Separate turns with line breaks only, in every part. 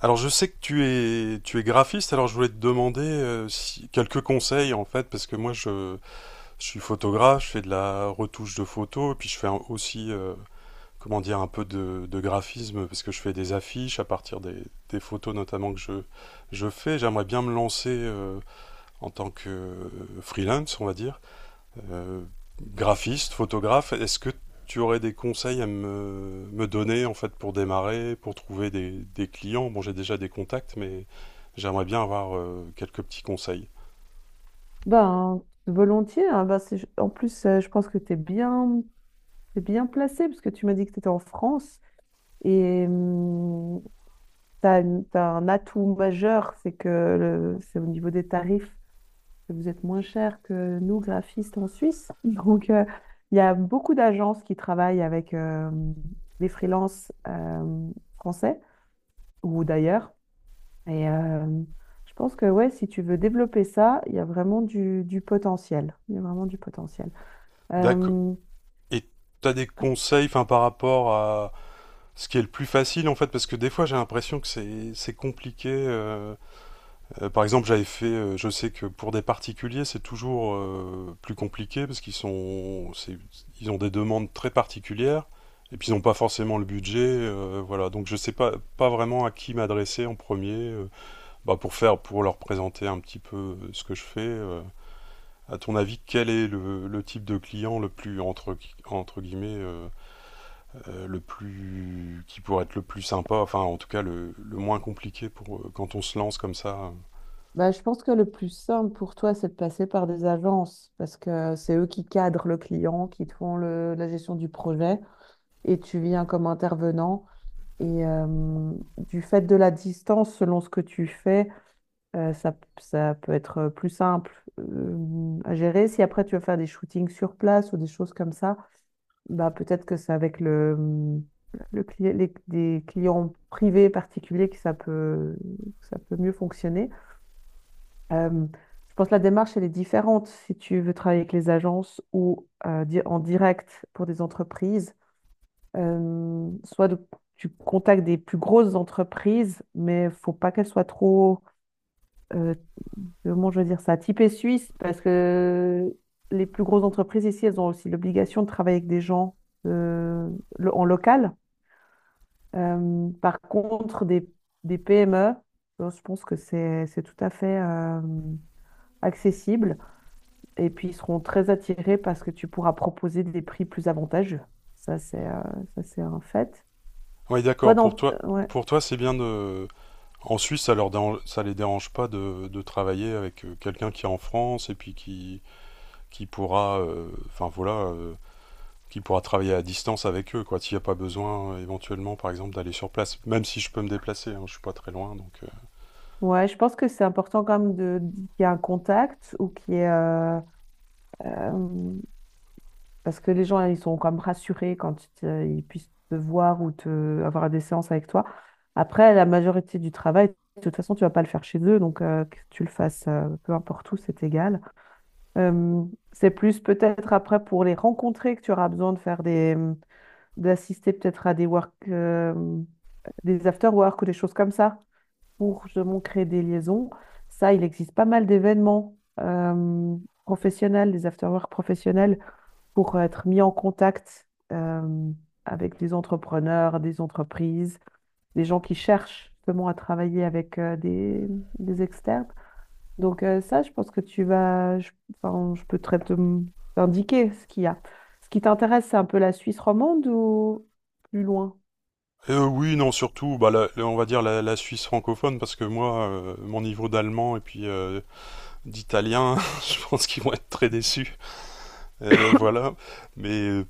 Alors je sais que tu es graphiste, alors je voulais te demander si, quelques conseils en fait parce que je suis photographe, je fais de la retouche de photos et puis je fais aussi comment dire un peu de graphisme parce que je fais des affiches à partir des photos notamment que je fais. J'aimerais bien me lancer en tant que freelance on va dire euh, graphiste, photographe, est-ce que tu aurais des conseils à me donner en fait pour démarrer, pour trouver des clients? Bon, j'ai déjà des contacts, mais j'aimerais bien avoir quelques petits conseils.
Ben, volontiers, hein. Ben, c'est- en plus, je pense que t'es bien placé parce que tu m'as dit que tu étais en France et tu as un atout majeur. C'est que le- c'est au niveau des tarifs que vous êtes moins cher que nous, graphistes en Suisse. Donc, il y a beaucoup d'agences qui travaillent avec des freelances français ou d'ailleurs. Et euh, je pense que ouais, si tu veux développer ça, il y a vraiment du potentiel. Il y a vraiment du potentiel.
D'accord.
Euh,
Et t'as des conseils, enfin, par rapport à ce qui est le plus facile en fait, parce que des fois j'ai l'impression que c'est compliqué. Par exemple, je sais que pour des particuliers, c'est toujours plus compliqué parce qu'ils sont, ils ont des demandes très particulières et puis ils n'ont pas forcément le budget, voilà. Donc je sais pas, pas vraiment à qui m'adresser en premier, bah, pour faire, pour leur présenter un petit peu ce que je fais. À ton avis, quel est le type de client le plus entre guillemets le plus qui pourrait être le plus sympa, enfin en tout cas le moins compliqué pour quand on se lance comme ça.
bah, je pense que le plus simple pour toi, c'est de passer par des agences, parce que c'est eux qui cadrent le client, qui te font le- la gestion du projet, et tu viens comme intervenant. Et euh, du fait de la distance, selon ce que tu fais, ça, ça peut être plus simple à gérer. Si après tu veux faire des shootings sur place ou des choses comme ça, bah peut-être que c'est avec le, le cli- les, des clients privés particuliers que ça peut mieux fonctionner. Euh, je pense que la démarche, elle est différente si tu veux travailler avec les agences ou di- en direct pour des entreprises. Soit de- tu contactes des plus grosses entreprises, mais faut pas qu'elles soient trop euh, comment je veux dire ça? Typé suisse, parce que les plus grosses entreprises ici, elles ont aussi l'obligation de travailler avec des gens euh, lo- en local. Par contre, des PME, je pense que c'est tout à fait accessible. Et puis, ils seront très attirés parce que tu pourras proposer des prix plus avantageux. Ça, c'est euh, ça, c'est un fait.
Oui,
Toi,
d'accord.
dans... ouais.
Pour toi, c'est bien de. En Suisse, ça les dérange pas de travailler avec quelqu'un qui est en France et puis qui pourra, enfin voilà, qui pourra travailler à distance avec eux, quoi. S'il n'y a pas besoin, éventuellement, par exemple, d'aller sur place. Même si je peux me déplacer, hein, je suis pas très loin, donc.
Ouais, je pense que c'est important quand même de, qu'il y ait un contact ou qu'il y ait... euh, parce que les gens, ils sont quand même rassurés quand ils, te- ils puissent te voir ou te, avoir des séances avec toi. Après, la majorité du travail, de toute façon, tu vas pas le faire chez eux, donc que tu le fasses peu importe où, c'est égal. Euh, c'est plus peut-être après pour les rencontrer que tu auras besoin de faire des, d'assister peut-être à des work, des after work ou des choses comme ça, pour justement créer des liaisons. Ça, il existe pas mal d'événements professionnels, des after work professionnels pour être mis en contact avec des entrepreneurs, des entreprises, des gens qui cherchent justement à travailler avec des externes. Donc ça, je pense que tu vas, je, enfin, je peux très te t'indiquer ce qu'il y a. Ce qui t'intéresse, c'est un peu la Suisse romande ou plus loin?
Oui, non, surtout, bah, on va dire la Suisse francophone, parce que moi, mon niveau d'allemand et puis d'italien, je pense qu'ils vont être très déçus. Voilà. Mais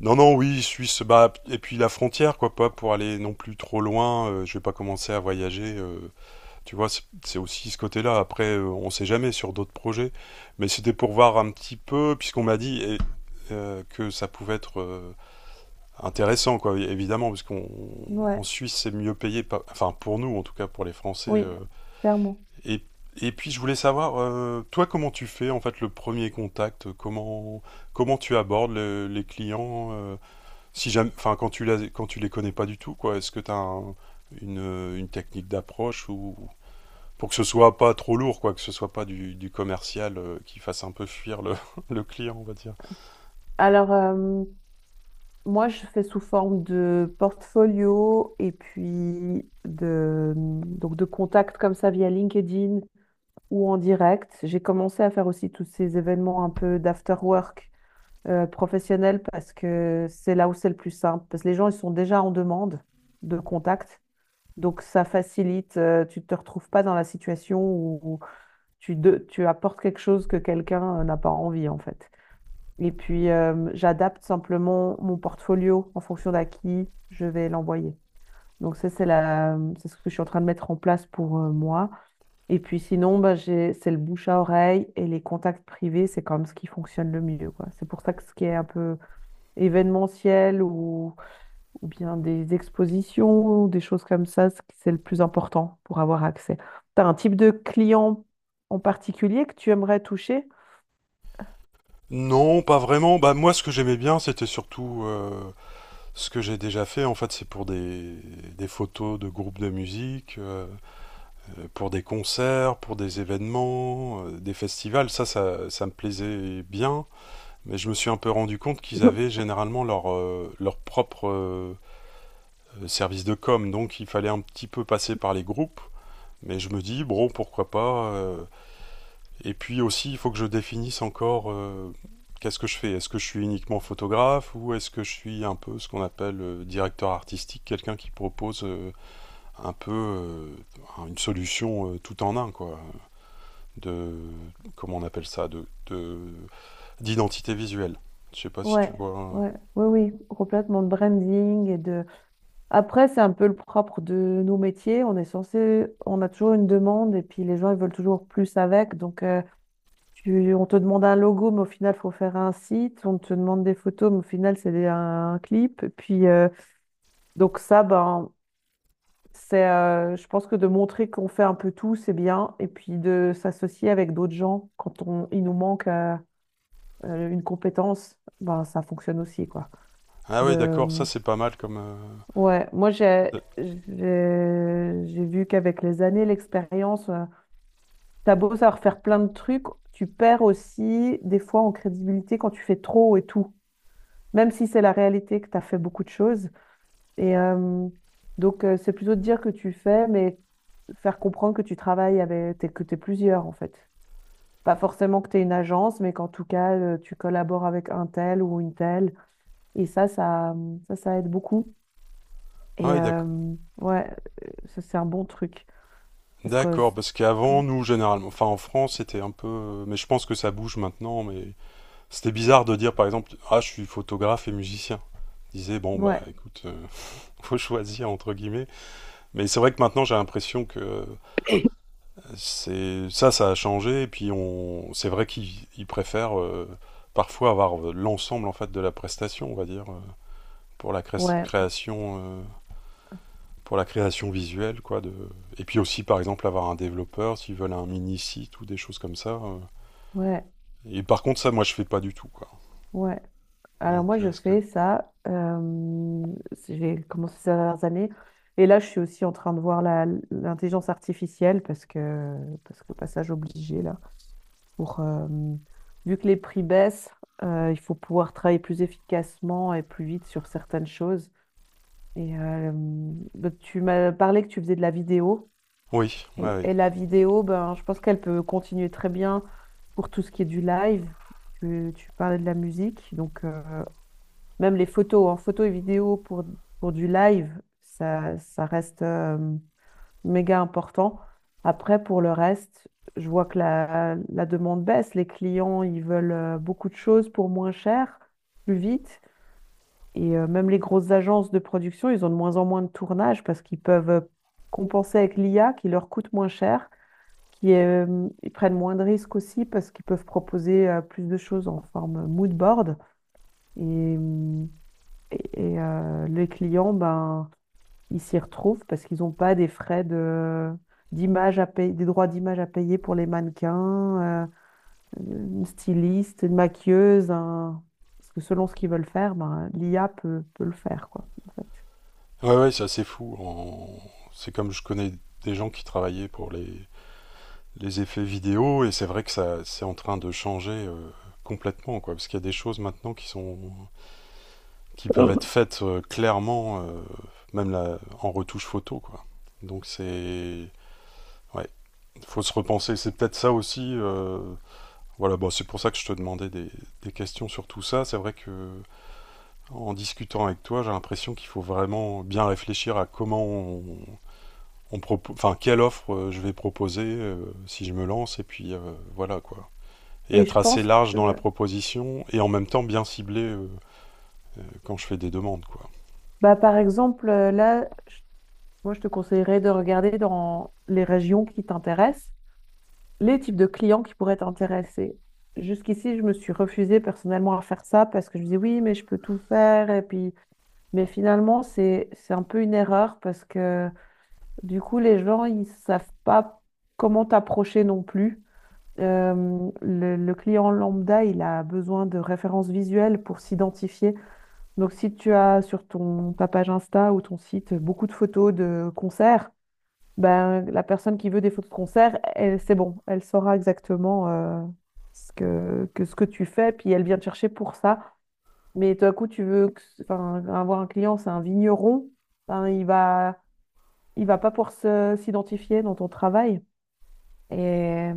non, non, oui, Suisse, bah, et puis la frontière, quoi, pas pour aller non plus trop loin, je vais pas commencer à voyager, tu vois, c'est aussi ce côté-là, après, on sait jamais sur d'autres projets, mais c'était pour voir un petit peu, puisqu'on m'a dit et, que ça pouvait être intéressant, quoi, évidemment, parce qu'on, en
Ouais,
Suisse, c'est mieux payé, enfin, pour nous, en tout cas, pour les Français,
oui, clairement.
et, et puis, je voulais savoir, toi, comment tu fais, en fait, le premier contact, comment tu abordes les clients, si jamais, enfin, quand quand tu les connais pas du tout, quoi, est-ce que tu as une technique d'approche ou pour que ce soit pas trop lourd, quoi, que ce soit pas du commercial qui fasse un peu fuir le, le client, on va dire.
Alors, moi, je fais sous forme de portfolio et puis de, donc de contacts comme ça via LinkedIn ou en direct. J'ai commencé à faire aussi tous ces événements un peu d'after work professionnel, parce que c'est là où c'est le plus simple. Parce que les gens, ils sont déjà en demande de contact. Donc ça facilite, tu ne te retrouves pas dans la situation où tu, de- tu apportes quelque chose que quelqu'un n'a pas envie en fait. Et puis j'adapte simplement mon portfolio en fonction d'à qui je vais l'envoyer. Donc ça, c'est la, c'est ce que je suis en train de mettre en place pour moi. Et puis sinon, bah, j'ai, c'est le bouche à oreille et les contacts privés, c'est quand même ce qui fonctionne le mieux, quoi. C'est pour ça que ce qui est un peu événementiel ou bien des expositions, ou des choses comme ça, c'est le plus important pour avoir accès. Tu as un type de client en particulier que tu aimerais toucher?
Non, pas vraiment. Bah moi, ce que j'aimais bien, c'était surtout ce que j'ai déjà fait. En fait, c'est pour des photos de groupes de musique, pour des concerts, pour des événements, des festivals. Ça me plaisait bien. Mais je me suis un peu rendu compte qu'ils avaient généralement leur propre service de com, donc il fallait un petit peu passer par les groupes. Mais je me dis, bro, pourquoi pas et puis aussi, il faut que je définisse encore qu'est-ce que je fais. Est-ce que je suis uniquement photographe ou est-ce que je suis un peu ce qu'on appelle directeur artistique, quelqu'un qui propose un peu une solution tout en un, quoi, de comment on appelle ça, d'identité visuelle. Je sais pas si
Ouais,
tu vois.
ouais, oui, oui, complètement de branding et de, après, c'est un peu le propre de nos métiers. On est censé, on a toujours une demande et puis les gens, ils veulent toujours plus avec. Donc, tu- on te demande un logo, mais au final, il faut faire un site. On te demande des photos, mais au final, c'est des- un, clip. Puis, donc ça, ben, c'est, je pense que de montrer qu'on fait un peu tout, c'est bien. Et puis de s'associer avec d'autres gens quand on, il nous manque une compétence, ben, ça fonctionne aussi, quoi.
Ah ouais, d'accord, ça
De,
c'est pas mal comme.
ouais, moi j'ai
euh,
j'ai j'ai vu qu'avec les années, l'expérience, t'as beau savoir faire plein de trucs, tu perds aussi des fois en crédibilité quand tu fais trop et tout, même si c'est la réalité que t'as fait beaucoup de choses. Et euh, donc c'est plutôt de dire que tu fais, mais faire comprendre que tu travailles avec, t'es- que t'es plusieurs en fait. Pas forcément que t'es une agence, mais qu'en tout cas tu collabores avec un tel ou une telle. Et ça, ça aide beaucoup. Et
Ah ouais,
euh, ouais, Ça, c'est un bon truc. Parce que,
d'accord,
c'est-
parce qu'avant, nous, généralement, enfin en France, c'était un peu. Mais je pense que ça bouge maintenant, mais c'était bizarre de dire par exemple, ah, je suis photographe et musicien. Je disais, bon, bah
ouais,
écoute, faut choisir entre guillemets. Mais c'est vrai que maintenant, j'ai l'impression que c'est ça, ça a changé, et puis on... c'est vrai qu'ils ils préfèrent parfois avoir l'ensemble en fait de la prestation, on va dire, pour la
ouais,
création. Pour la création visuelle, quoi. De... Et puis aussi, par exemple, avoir un développeur s'ils veulent un mini site ou des choses comme ça.
ouais,
Et par contre, ça, moi, je fais pas du tout, quoi.
ouais. Alors
Donc,
moi, je
est-ce que
fais ça. J'ai commencé ces dernières années. Et là, je suis aussi en train de voir la- l'intelligence artificielle, parce que passage obligé, là. Pour, vu que les prix baissent, il faut pouvoir travailler plus efficacement et plus vite sur certaines choses. Et euh, donc, tu m'as parlé que tu faisais de la vidéo.
oui,
Et la vidéo, ben, je pense qu'elle peut continuer très bien pour tout ce qui est du live. Tu parlais de la musique, donc même les photos, en photo et vidéo pour du live, ça reste méga important. Après, pour le reste, je vois que la demande baisse. Les clients, ils veulent beaucoup de choses pour moins cher, plus vite. Même les grosses agences de production, ils ont de moins en moins de tournage, parce qu'ils peuvent compenser avec l'IA qui leur coûte moins cher, qui ils prennent moins de risques aussi parce qu'ils peuvent proposer plus de choses en forme mood board et, euh, et les clients ben ils s'y retrouvent parce qu'ils n'ont pas des frais de d'image à payer, des droits d'image à payer pour les mannequins, une styliste, une maquilleuse, un- parce que selon ce qu'ils veulent faire, ben, l'IA peut, peut le faire quoi, en fait.
ouais c'est assez fou. C'est comme je connais des gens qui travaillaient pour les effets vidéo et c'est vrai que ça, c'est en train de changer complètement, quoi. Parce qu'il y a des choses maintenant qui peuvent être faites clairement, même en retouche photo, quoi. Donc c'est ouais, faut se repenser. C'est peut-être ça aussi. Voilà, bon, c'est pour ça que je te demandais des questions sur tout ça. C'est vrai que en discutant avec toi, j'ai l'impression qu'il faut vraiment bien réfléchir à comment on enfin quelle offre je vais proposer si je me lance, et puis voilà quoi. Et
Et
être
je
assez
pense
large
que,
dans la proposition et en même temps bien ciblé quand je fais des demandes quoi.
bah, par exemple, là, moi, je te conseillerais de regarder dans les régions qui t'intéressent, les types de clients qui pourraient t'intéresser. Jusqu'ici, je me suis refusée personnellement à faire ça parce que je me disais oui, mais je peux tout faire. Et puis, mais finalement, c'est un peu une erreur parce que du coup, les gens, ils savent pas comment t'approcher non plus. Le client lambda, il a besoin de références visuelles pour s'identifier. Donc, si tu as sur ton, ta page Insta ou ton site beaucoup de photos de concerts, ben, la personne qui veut des photos de concert, elle, c'est bon, elle saura exactement ce que ce que tu fais, puis elle vient te chercher pour ça. Mais tout à coup, tu veux que- enfin, avoir un client, c'est un vigneron, ben, il va pas pouvoir se- s'identifier dans ton travail. Et,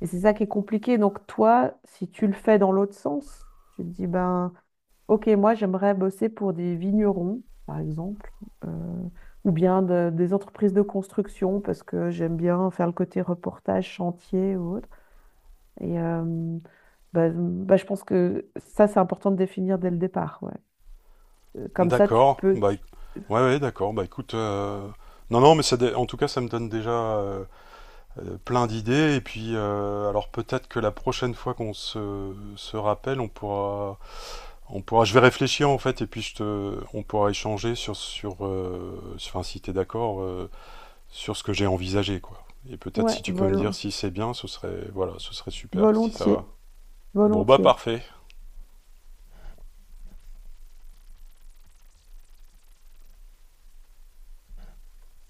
et c'est ça qui est compliqué. Donc toi, si tu le fais dans l'autre sens, tu te dis, ben, ok, moi j'aimerais bosser pour des vignerons, par exemple, euh, ou bien de- des entreprises de construction, parce que j'aime bien faire le côté reportage, chantier ou autre. Et euh, Bah, bah, je pense que ça, c'est important de définir dès le départ. Ouais. Comme ça, tu
D'accord.
peux...
Bah,
tu-
ouais, d'accord. Bah écoute. Non, non, mais ça en tout cas, ça me donne déjà euh, plein d'idées. Et puis, alors peut-être que la prochaine fois qu'on se rappelle, on pourra. Je vais réfléchir en fait, et puis je on pourra échanger sur enfin, si t'es d'accord, sur ce que j'ai envisagé, quoi. Et peut-être
ouais,
si tu peux me dire si c'est bien, ce serait, voilà, ce serait super, si ça
volontiers,
va. Bon bah
volontiers.
parfait.